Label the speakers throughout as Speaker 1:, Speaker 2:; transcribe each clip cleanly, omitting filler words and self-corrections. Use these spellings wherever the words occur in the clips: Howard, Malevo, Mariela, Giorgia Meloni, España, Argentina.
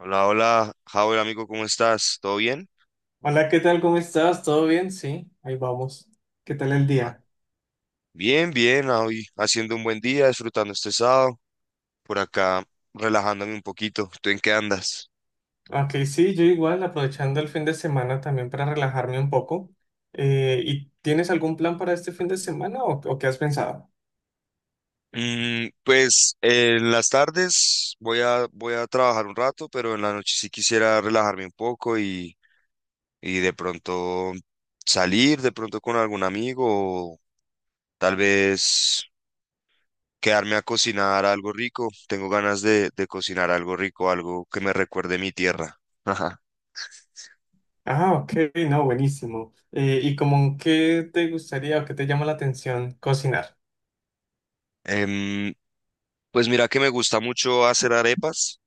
Speaker 1: Hola, hola, Howard, amigo, ¿cómo estás? ¿Todo bien?
Speaker 2: Hola, ¿qué tal? ¿Cómo estás? ¿Todo bien? Sí, ahí vamos. ¿Qué tal el
Speaker 1: Ah,
Speaker 2: día?
Speaker 1: bien, bien, hoy haciendo un buen día, disfrutando este sábado, por acá relajándome un poquito. ¿Tú en qué andas?
Speaker 2: Ok, sí, yo igual, aprovechando el fin de semana también para relajarme un poco. ¿Y tienes algún plan para este fin de semana o qué has pensado?
Speaker 1: Pues en las tardes voy a trabajar un rato, pero en la noche sí quisiera relajarme un poco y de pronto salir, de pronto con algún amigo o tal vez quedarme a cocinar algo rico. Tengo ganas de cocinar algo rico, algo que me recuerde mi tierra.
Speaker 2: Ah, ok, no, buenísimo. ¿Y como qué te gustaría o qué te llama la atención cocinar?
Speaker 1: Em, pues mira que me gusta mucho hacer arepas.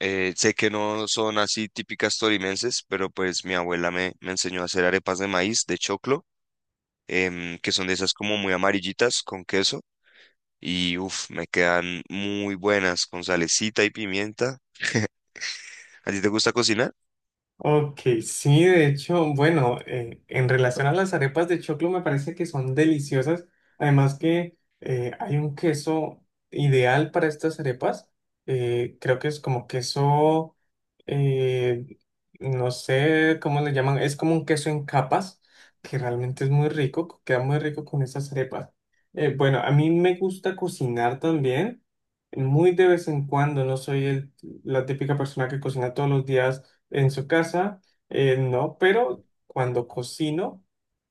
Speaker 1: Sé que no son así típicas tolimenses, pero pues mi abuela me enseñó a hacer arepas de maíz, de choclo, que son de esas como muy amarillitas con queso. Y uff, me quedan muy buenas con salecita y pimienta. ¿A ti te gusta cocinar?
Speaker 2: Ok, sí, de hecho, bueno, en relación a las arepas de choclo me parece que son deliciosas. Además que hay un queso ideal para estas arepas. Creo que es como queso, eh, no sé cómo le llaman, es como un queso en capas, que realmente es muy rico, queda muy rico con estas arepas. Bueno, a mí me gusta cocinar también, muy de vez en cuando, no soy la típica persona que cocina todos los días en su casa, no, pero cuando cocino,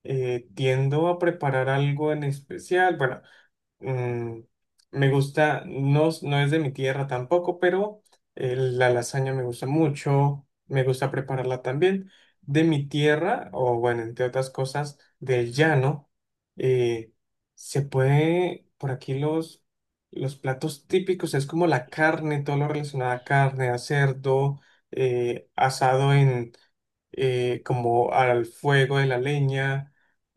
Speaker 2: tiendo a preparar algo en especial. Bueno, mm, me gusta, no, no es de mi tierra tampoco, pero la lasaña me gusta mucho, me gusta prepararla también. De mi tierra, o bueno, entre otras cosas, del llano, eh, se puede, por aquí los platos típicos es como la carne, todo lo relacionado a carne, a cerdo, asado en, como al fuego de la leña.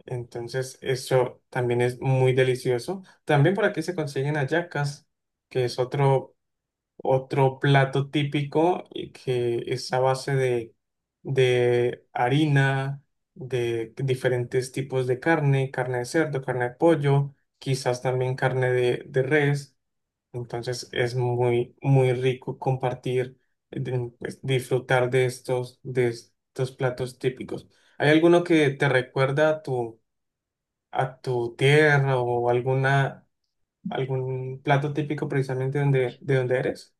Speaker 2: Entonces, eso también es muy delicioso. También por aquí se consiguen hallacas, que es otro plato típico y que es a base de harina, de diferentes tipos de carne, carne de cerdo, carne de pollo, quizás también carne de res. Entonces es muy rico compartir, pues, disfrutar de de estos platos típicos. ¿Hay alguno que te recuerda a a tu tierra o alguna algún plato típico precisamente de donde eres?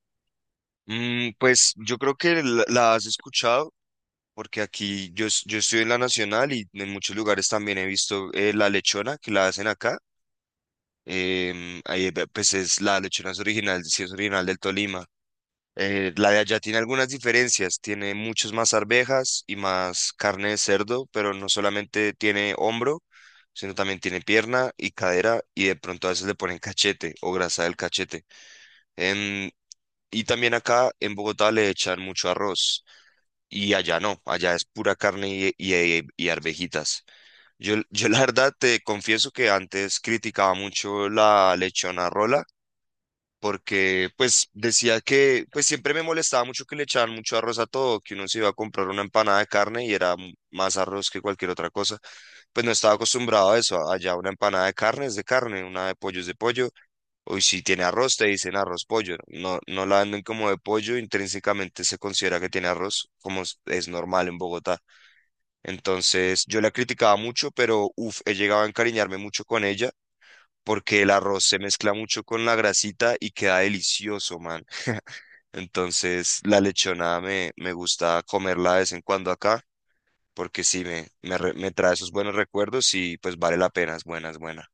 Speaker 1: Pues yo creo que la has escuchado, porque aquí yo, yo estoy en la Nacional y en muchos lugares también he visto la lechona que la hacen acá ahí, pues es la lechona es original, sí es original del Tolima. La de allá tiene algunas diferencias, tiene muchos más arvejas y más carne de cerdo, pero no solamente tiene hombro, sino también tiene pierna y cadera y de pronto a veces le ponen cachete o grasa del cachete. Em, y también acá en Bogotá le echan mucho arroz y allá no, allá es pura carne y arvejitas. Yo la verdad te confieso que antes criticaba mucho la lechona rola porque pues decía que pues siempre me molestaba mucho que le echaban mucho arroz a todo, que uno se iba a comprar una empanada de carne y era más arroz que cualquier otra cosa. Pues no estaba acostumbrado a eso, allá una empanada de carne es de carne, una de pollo es de pollo, o si tiene arroz te dicen arroz pollo, no, no la venden como de pollo, intrínsecamente se considera que tiene arroz, como es normal en Bogotá. Entonces yo la criticaba mucho, pero uff, he llegado a encariñarme mucho con ella. Porque el arroz se mezcla mucho con la grasita y queda delicioso, man. Entonces, la lechona me gusta comerla de vez en cuando acá, porque sí, me trae esos buenos recuerdos y pues vale la pena, es buena, es buena.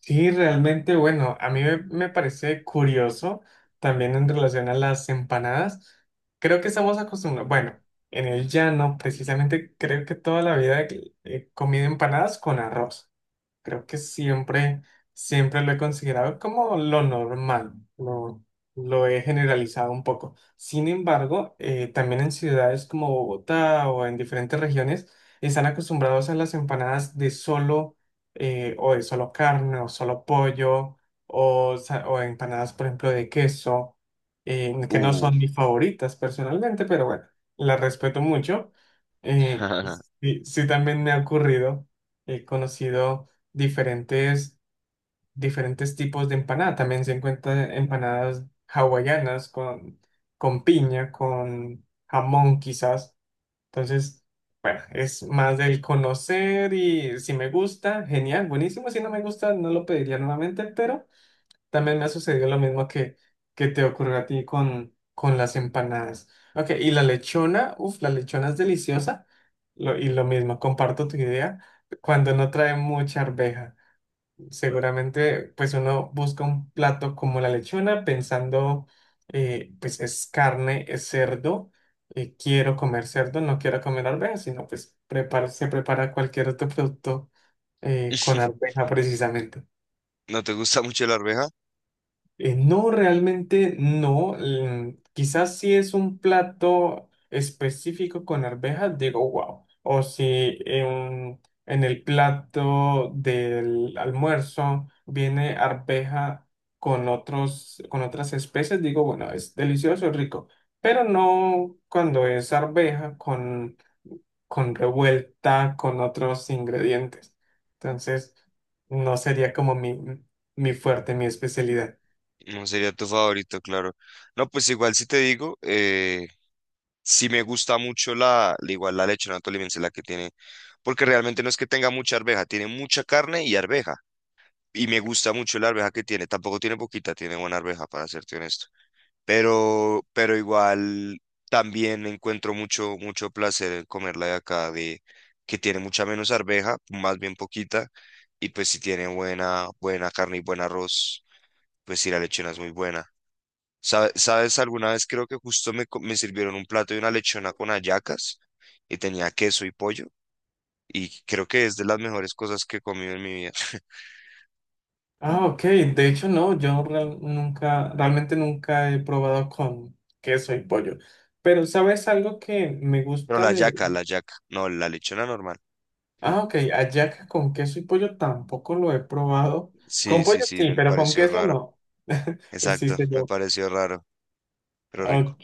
Speaker 2: Sí, realmente, bueno, a mí me parece curioso también en relación a las empanadas. Creo que estamos acostumbrados, bueno, en el llano precisamente creo que toda la vida he comido empanadas con arroz. Creo que siempre lo he considerado como lo normal, lo he generalizado un poco. Sin embargo, también en ciudades como Bogotá o en diferentes regiones están acostumbrados a las empanadas de solo o de solo carne o solo pollo o, o empanadas, por ejemplo, de queso, que no
Speaker 1: Uh.
Speaker 2: son mis favoritas personalmente, pero bueno, las respeto mucho. Eh, sí, sí, también me ha ocurrido, he conocido diferentes, diferentes tipos de empanada. También se encuentran empanadas hawaianas con piña, con jamón quizás. Entonces, bueno, es más del conocer y si me gusta, genial, buenísimo. Si no me gusta, no lo pediría nuevamente, pero también me ha sucedido lo mismo que te ocurrió a ti con las empanadas. Ok, y la lechona, uff, la lechona es deliciosa. Y lo mismo, comparto tu idea cuando no trae mucha arveja. Seguramente, pues uno busca un plato como la lechona pensando, pues es carne, es cerdo, quiero comer cerdo, no quiero comer arveja, sino pues se prepara cualquier otro producto con arveja precisamente.
Speaker 1: ¿No te gusta mucho la arveja?
Speaker 2: No, realmente no. Mm, quizás si es un plato específico con arvejas, digo, wow. O si en el plato del almuerzo viene arveja con con otras especies, digo, bueno, es delicioso, rico. Pero no cuando es arveja con revuelta, con otros ingredientes. Entonces, no sería como mi fuerte, mi especialidad.
Speaker 1: No sería tu favorito, claro. No, pues igual si te digo, sí me gusta mucho igual la lechona tolimense, la que tiene, porque realmente no es que tenga mucha arveja, tiene mucha carne y arveja. Y me gusta mucho la arveja que tiene. Tampoco tiene poquita, tiene buena arveja, para serte honesto. Pero igual también encuentro mucho, mucho placer en comerla de acá, de que tiene mucha menos arveja, más bien poquita. Y pues si tiene buena, buena carne y buen arroz, pues sí, la lechona es muy buena. ¿Sabes? Alguna vez creo que justo me sirvieron un plato de una lechona con hallacas y tenía queso y pollo. Y creo que es de las mejores cosas que he comido en mi vida.
Speaker 2: Ah, ok. De hecho, no, yo nunca, realmente nunca he probado con queso y pollo. Pero, ¿sabes algo que me
Speaker 1: Pero
Speaker 2: gusta
Speaker 1: la
Speaker 2: de...
Speaker 1: hallaca, la hallaca. No, la lechona normal.
Speaker 2: Ah, ok, hallaca con queso y pollo tampoco lo he probado.
Speaker 1: Sí,
Speaker 2: Con pollo
Speaker 1: sí, sí,
Speaker 2: sí,
Speaker 1: me
Speaker 2: pero con
Speaker 1: pareció
Speaker 2: queso
Speaker 1: raro.
Speaker 2: no.
Speaker 1: Exacto,
Speaker 2: Existe
Speaker 1: me
Speaker 2: yo.
Speaker 1: pareció raro, pero rico.
Speaker 2: Ok.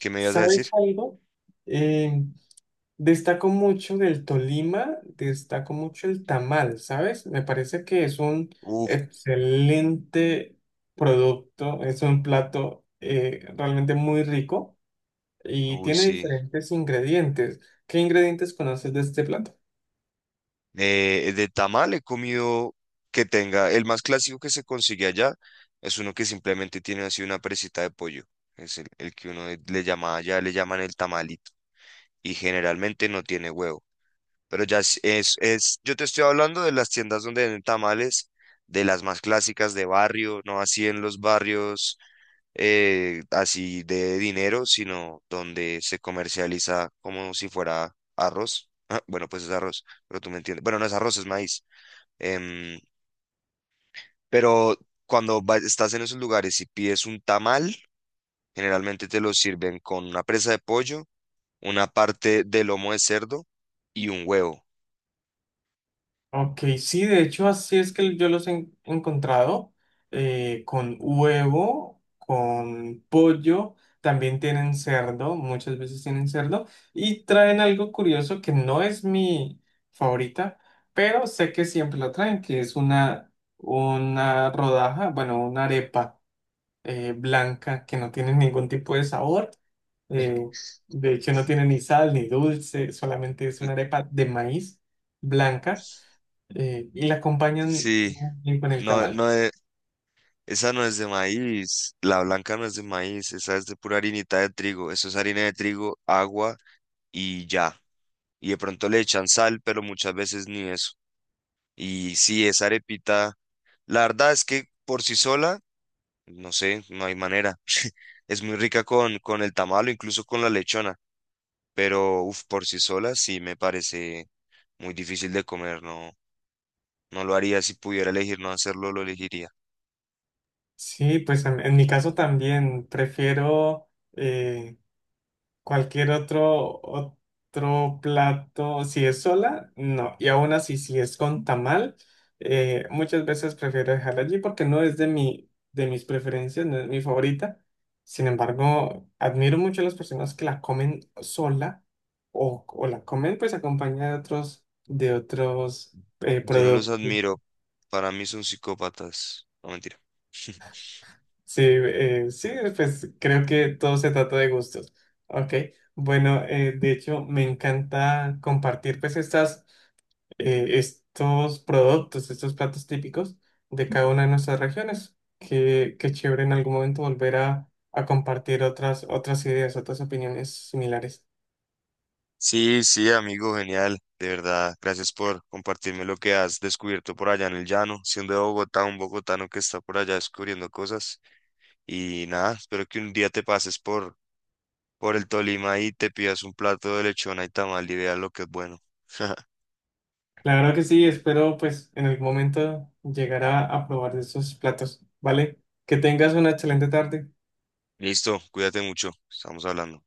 Speaker 1: ¿Qué me ibas a decir?
Speaker 2: ¿Sabes algo? Eh, Destaco mucho del Tolima, destaco mucho el tamal, ¿sabes? Me parece que es un
Speaker 1: Uf,
Speaker 2: excelente producto, es un plato realmente muy rico y
Speaker 1: uy,
Speaker 2: tiene
Speaker 1: sí.
Speaker 2: diferentes ingredientes. ¿Qué ingredientes conoces de este plato?
Speaker 1: De tamal he comido que tenga. El más clásico que se consigue allá es uno que simplemente tiene así una presita de pollo. Es el que uno le llama allá, le llaman el tamalito. Y generalmente no tiene huevo. Pero ya yo te estoy hablando de las tiendas donde venden tamales, de las más clásicas de barrio, no así en los barrios así de dinero, sino donde se comercializa como si fuera arroz. Ah, bueno, pues es arroz, pero tú me entiendes. Bueno, no es arroz, es maíz. Em, pero estás en esos lugares y pides un tamal, generalmente te lo sirven con una presa de pollo, una parte de lomo de cerdo y un huevo.
Speaker 2: Ok, sí, de hecho así es que yo los he encontrado con huevo, con pollo, también tienen cerdo, muchas veces tienen cerdo y traen algo curioso que no es mi favorita, pero sé que siempre lo traen, que es una rodaja, bueno, una arepa blanca que no tiene ningún tipo de sabor. Eh, de hecho, no tiene ni sal ni dulce, solamente es una arepa de maíz blanca y la acompañan
Speaker 1: Sí,
Speaker 2: muy bien con el
Speaker 1: no,
Speaker 2: tamal.
Speaker 1: no es- esa no es de maíz, la blanca no es de maíz, esa es de pura harinita de trigo, eso es harina de trigo, agua y ya. Y de pronto le echan sal, pero muchas veces ni eso. Y sí, esa arepita, la verdad es que por sí sola, no sé, no hay manera. Es muy rica con el tamal o incluso con la lechona, pero uf, por sí sola sí me parece muy difícil de comer, no, no lo haría si pudiera elegir no hacerlo, lo elegiría.
Speaker 2: Sí, pues en mi caso también prefiero eh, cualquier otro plato. Si es sola, no. Y aún así, si es con tamal, muchas veces prefiero dejarla allí porque no es de de mis preferencias, no es mi favorita. Sin embargo, admiro mucho a las personas que la comen sola o la comen pues acompañada de de otros
Speaker 1: Yo no los
Speaker 2: productos.
Speaker 1: admiro, para mí son psicópatas, no mentira.
Speaker 2: Sí, sí, pues creo que todo se trata de gustos. Ok, bueno, de hecho me encanta compartir pues estos productos, estos platos típicos de cada una de nuestras regiones. Qué chévere en algún momento volver a compartir otras ideas, otras opiniones similares.
Speaker 1: Sí, sí, amigo, genial, de verdad. Gracias por compartirme lo que has descubierto por allá en el llano, siendo de Bogotá, un bogotano que está por allá descubriendo cosas. Y nada, espero que un día te pases por el Tolima y te pidas un plato de lechona y tamal y veas lo que es bueno.
Speaker 2: Claro que sí, espero pues en algún momento llegar a probar de esos platos, ¿vale? Que tengas una excelente tarde.
Speaker 1: Listo, cuídate mucho, estamos hablando.